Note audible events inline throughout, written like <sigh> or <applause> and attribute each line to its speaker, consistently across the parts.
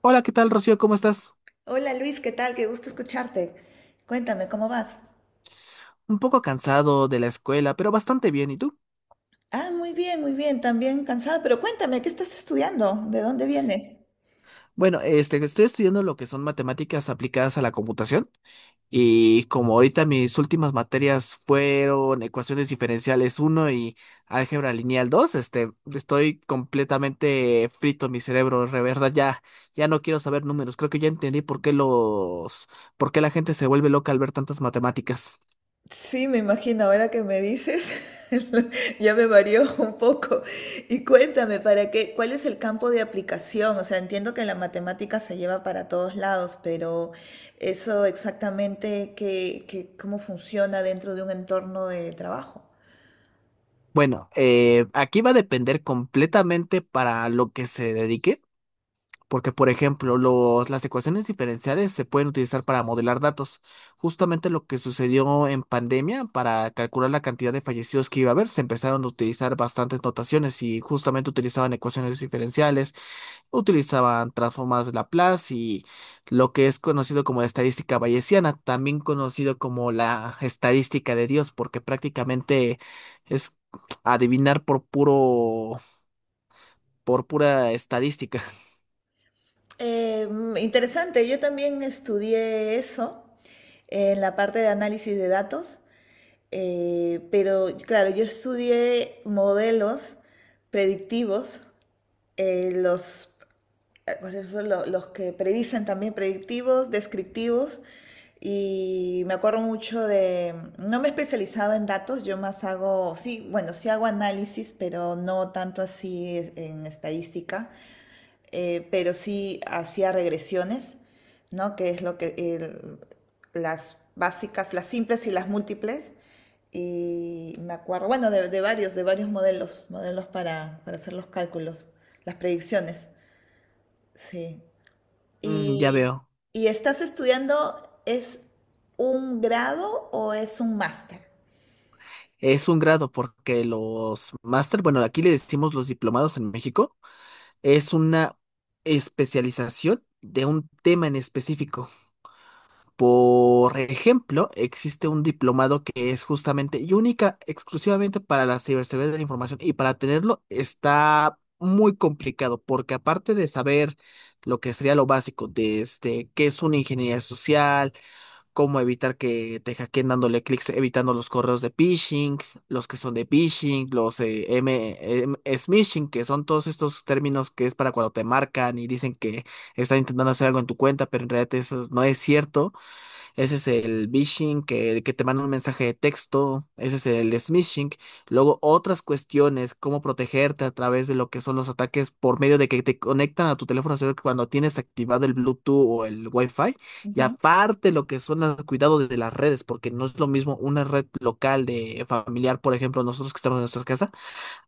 Speaker 1: Hola, ¿qué tal, Rocío? ¿Cómo estás?
Speaker 2: Hola Luis, ¿qué tal? Qué gusto escucharte. Cuéntame, ¿cómo vas?
Speaker 1: Un poco cansado de la escuela, pero bastante bien. ¿Y tú?
Speaker 2: Ah, muy bien, también cansada, pero cuéntame, ¿qué estás estudiando? ¿De dónde vienes?
Speaker 1: Bueno, estoy estudiando lo que son matemáticas aplicadas a la computación y como ahorita mis últimas materias fueron ecuaciones diferenciales uno y álgebra lineal dos. Estoy completamente frito mi cerebro, de verdad. Ya, ya no quiero saber números. Creo que ya entendí por qué la gente se vuelve loca al ver tantas matemáticas.
Speaker 2: Sí, me imagino, ahora que me dices, <laughs> ya me varió un poco. Y cuéntame, ¿para qué? ¿Cuál es el campo de aplicación? O sea, entiendo que la matemática se lleva para todos lados, pero eso exactamente, ¿cómo funciona dentro de un entorno de trabajo?
Speaker 1: Bueno, aquí va a depender completamente para lo que se dedique. Porque, por ejemplo, las ecuaciones diferenciales se pueden utilizar para modelar datos. Justamente lo que sucedió en pandemia, para calcular la cantidad de fallecidos que iba a haber, se empezaron a utilizar bastantes notaciones y justamente utilizaban ecuaciones diferenciales, utilizaban transformadas de Laplace y lo que es conocido como la estadística bayesiana, también conocido como la estadística de Dios, porque prácticamente es adivinar por pura estadística.
Speaker 2: Eh, Interesante, yo también estudié eso en la parte de análisis de datos, pero claro, yo estudié modelos predictivos, eh, los, ¿cuáles son los que predicen? También predictivos, descriptivos, y me acuerdo mucho de, no me he especializado en datos, yo más hago, sí, bueno, sí hago análisis, pero no tanto así en estadística, pero sí hacía regresiones, ¿no? Que es lo que las básicas, las simples y las múltiples. Y me acuerdo, bueno, de, de varios modelos, modelos para hacer los cálculos, las predicciones. Sí.
Speaker 1: Mm, ya
Speaker 2: Y,
Speaker 1: veo.
Speaker 2: y estás estudiando, ¿es un grado o es un máster?
Speaker 1: Es un grado porque los máster, bueno, aquí le decimos los diplomados en México, es una especialización de un tema en específico. Por ejemplo, existe un diplomado que es justamente y única, exclusivamente para la ciberseguridad de la información, y para tenerlo está muy complicado porque aparte de saber lo que sería lo básico, desde qué es una ingeniería social, cómo evitar que te hackeen dándole clics, evitando los correos de phishing, los que son de phishing, los smishing, que son todos estos términos. Que es para cuando te marcan y dicen que están intentando hacer algo en tu cuenta, pero en realidad eso no es cierto. Ese es el vishing. Que te manda un mensaje de texto, ese es el smishing. Luego otras cuestiones, cómo protegerte a través de lo que son los ataques por medio de que te conectan a tu teléfono celular cuando tienes activado el Bluetooth o el Wi-Fi. Y
Speaker 2: Ujú.
Speaker 1: aparte lo que son los cuidados de las redes, porque no es lo mismo una red local de familiar, por ejemplo, nosotros que estamos en nuestra casa,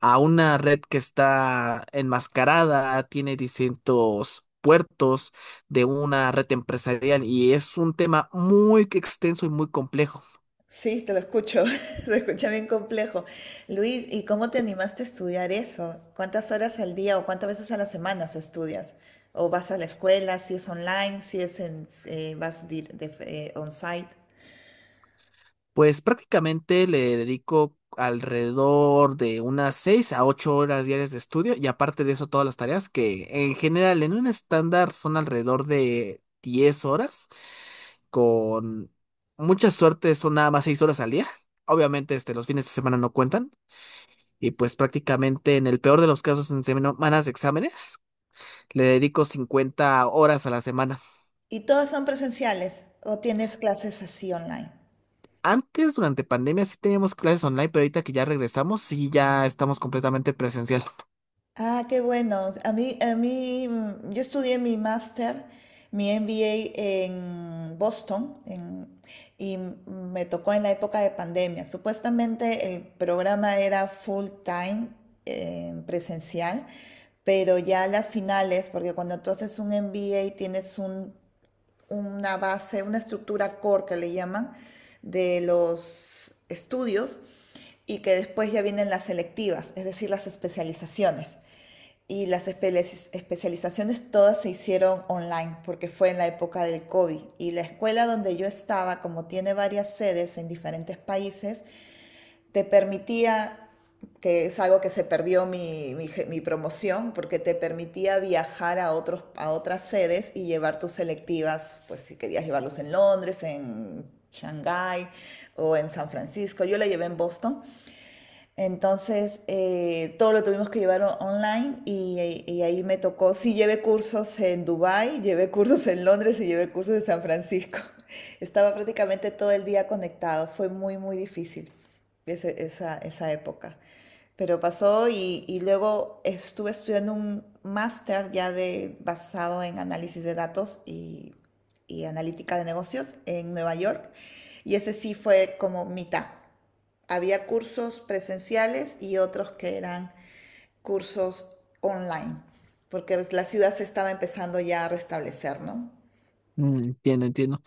Speaker 1: a una red que está enmascarada, tiene distintos puertos, de una red empresarial, y es un tema muy extenso y muy complejo.
Speaker 2: Sí, te lo escucho, <laughs> se escucha bien complejo. Luis, ¿y cómo te animaste a estudiar eso? ¿Cuántas horas al día o cuántas veces a la semana se estudias? ¿O vas a la escuela, si es online, si es en, vas on-site?
Speaker 1: Pues prácticamente le dedico alrededor de unas 6 a 8 horas diarias de estudio, y aparte de eso todas las tareas que en general en un estándar son alrededor de 10 horas. Con mucha suerte son nada más 6 horas al día. Obviamente los fines de semana no cuentan. Y pues prácticamente en el peor de los casos, en semanas de exámenes, le dedico 50 horas a la semana.
Speaker 2: ¿Y todas son presenciales o tienes clases así online?
Speaker 1: Antes, durante pandemia, sí teníamos clases online, pero ahorita que ya regresamos, sí ya estamos completamente presencial.
Speaker 2: Ah, qué bueno. Yo estudié mi máster, mi MBA en Boston, y me tocó en la época de pandemia. Supuestamente el programa era full time, presencial, pero ya las finales, porque cuando tú haces un MBA tienes una base, una estructura core que le llaman, de los estudios y que después ya vienen las selectivas, es decir, las especializaciones. Y las especializaciones todas se hicieron online porque fue en la época del COVID. Y la escuela donde yo estaba, como tiene varias sedes en diferentes países, te permitía, que es algo que se perdió mi promoción, porque te permitía viajar a otros, a otras sedes y llevar tus selectivas, pues si querías llevarlos en Londres, en Shanghái o en San Francisco. Yo la llevé en Boston entonces, todo lo tuvimos que llevar online y ahí me tocó, sí llevé cursos en Dubái, llevé cursos en Londres y llevé cursos en San Francisco. <laughs> Estaba prácticamente todo el día conectado, fue muy, muy difícil esa, esa época. Pero pasó y luego estuve estudiando un máster ya de, basado en análisis de datos y analítica de negocios en Nueva York y ese sí fue como mitad. Había cursos presenciales y otros que eran cursos online, porque la ciudad se estaba empezando ya a restablecer, ¿no?
Speaker 1: Mm, entiendo, entiendo.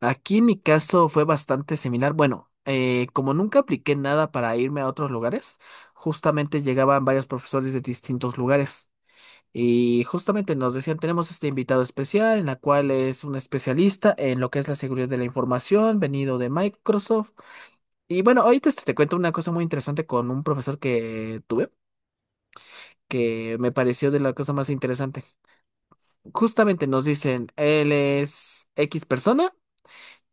Speaker 1: Aquí en mi caso fue bastante similar. Bueno, como nunca apliqué nada para irme a otros lugares, justamente llegaban varios profesores de distintos lugares, y justamente nos decían, tenemos este invitado especial, en la cual es un especialista en lo que es la seguridad de la información, venido de Microsoft. Y bueno, ahorita te cuento una cosa muy interesante con un profesor que tuve, que me pareció de la cosa más interesante. Justamente nos dicen, él es X persona,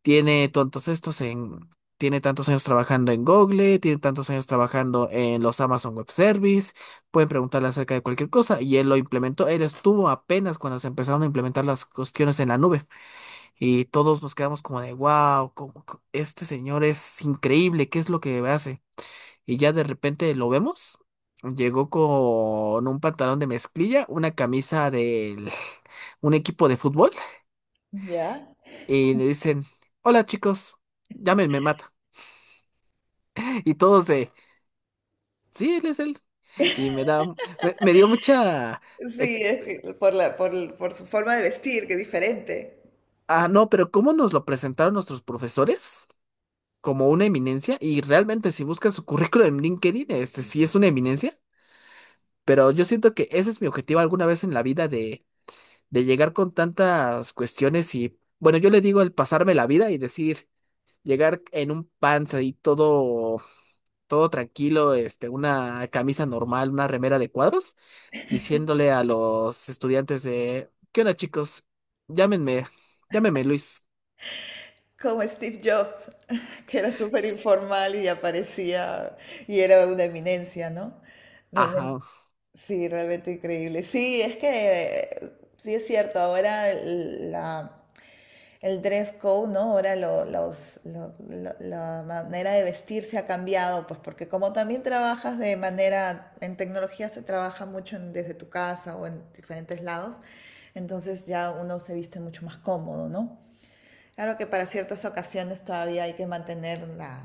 Speaker 1: tiene tantos estos en, tiene tantos años trabajando en Google, tiene tantos años trabajando en los Amazon Web Service, pueden preguntarle acerca de cualquier cosa y él lo implementó, él estuvo apenas cuando se empezaron a implementar las cuestiones en la nube, y todos nos quedamos como de, wow, este señor es increíble, ¿qué es lo que hace? Y ya de repente lo vemos. Llegó con un pantalón de mezclilla, una camisa de <laughs> un equipo de fútbol,
Speaker 2: ¿Ya?
Speaker 1: y le dicen, hola chicos, llámenme Matt. Y todos de, sí, él es él. Y me dio mucha...
Speaker 2: Sí,
Speaker 1: eh,
Speaker 2: es que por la, por, por su forma de vestir, que es diferente.
Speaker 1: ah, no, pero ¿cómo nos lo presentaron nuestros profesores? Como una eminencia. Y realmente si buscas su currículum en LinkedIn, este sí es una eminencia. Pero yo siento que ese es mi objetivo alguna vez en la vida, de llegar con tantas cuestiones. Y bueno, yo le digo el pasarme la vida y decir, llegar en un panza y todo, todo tranquilo, una camisa normal, una remera de cuadros, diciéndole a los estudiantes de, ¿qué onda, chicos? Llámenme, llámenme Luis.
Speaker 2: Como Steve Jobs, <laughs> que era súper informal y aparecía y era una eminencia, ¿no? Realmente,
Speaker 1: Ajá,
Speaker 2: sí, realmente increíble. Sí, es que sí es cierto, ahora el dress code, ¿no? Ahora la manera de vestir se ha cambiado, pues porque como también trabajas de manera, en tecnología se trabaja mucho desde tu casa o en diferentes lados, entonces ya uno se viste mucho más cómodo, ¿no? Claro que para ciertas ocasiones todavía hay que mantener la,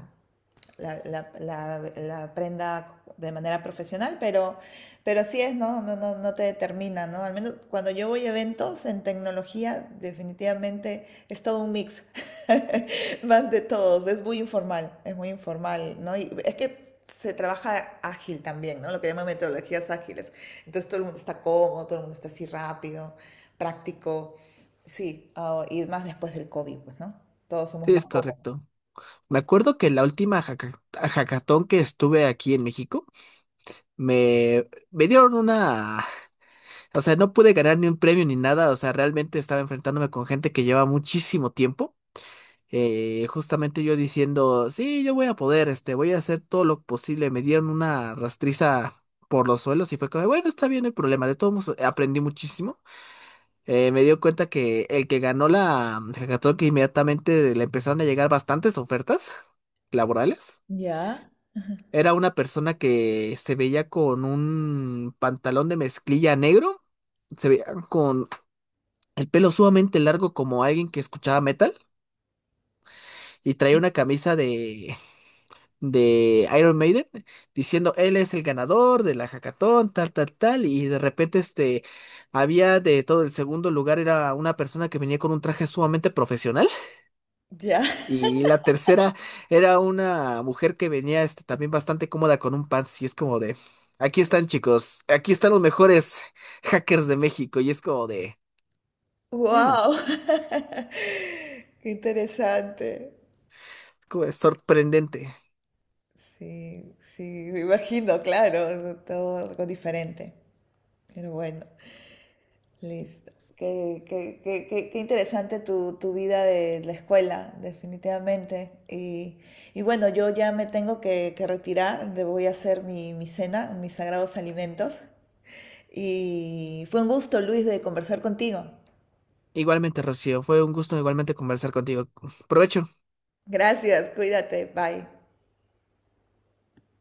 Speaker 2: la, la, la, la aprenda de manera profesional, pero así es, ¿no? No, no, no te determina, ¿no? Al menos cuando yo voy a eventos en tecnología, definitivamente es todo un mix, <laughs> más de todos, es muy informal, ¿no? Y es que se trabaja ágil también, ¿no? Lo que llaman metodologías ágiles. Entonces todo el mundo está cómodo, todo el mundo está así rápido, práctico, sí, oh, y más después del COVID, pues, ¿no? Todos somos
Speaker 1: sí,
Speaker 2: más
Speaker 1: es
Speaker 2: cómodos.
Speaker 1: correcto. Me acuerdo que la última hackatón que estuve aquí en México, me, me dieron una, o sea, no pude ganar ni un premio ni nada. O sea, realmente estaba enfrentándome con gente que lleva muchísimo tiempo. Justamente yo diciendo, sí, yo voy a poder, voy a hacer todo lo posible. Me dieron una rastriza por los suelos, y fue como, bueno, está bien el problema. De todos modos, aprendí muchísimo. Me dio cuenta que el que ganó la hackathon, que inmediatamente le empezaron a llegar bastantes ofertas <laughs> laborales.
Speaker 2: Ya,
Speaker 1: Era una persona que se veía con un pantalón de mezclilla negro, se veía con el pelo sumamente largo como alguien que escuchaba metal, y traía una camisa de Iron Maiden, diciendo, él es el ganador de la hackathon, tal, tal, tal. Y de repente había de todo. El segundo lugar era una persona que venía con un traje sumamente profesional,
Speaker 2: ya.
Speaker 1: y la tercera era una mujer que venía también bastante cómoda con un pants, y es como de, aquí están chicos, aquí están los mejores hackers de México, y es como de mm,
Speaker 2: Wow, <laughs> qué interesante.
Speaker 1: como de sorprendente.
Speaker 2: Sí, sí, me imagino, claro, todo algo diferente. Pero bueno, listo. ¿Qué interesante tu, tu vida de la escuela, definitivamente? Y bueno, yo ya me tengo que retirar, voy a hacer mi, mi cena, mis sagrados alimentos. Y fue un gusto, Luis, de conversar contigo.
Speaker 1: Igualmente, Rocío, fue un gusto igualmente conversar contigo. Provecho.
Speaker 2: Gracias, cuídate, bye.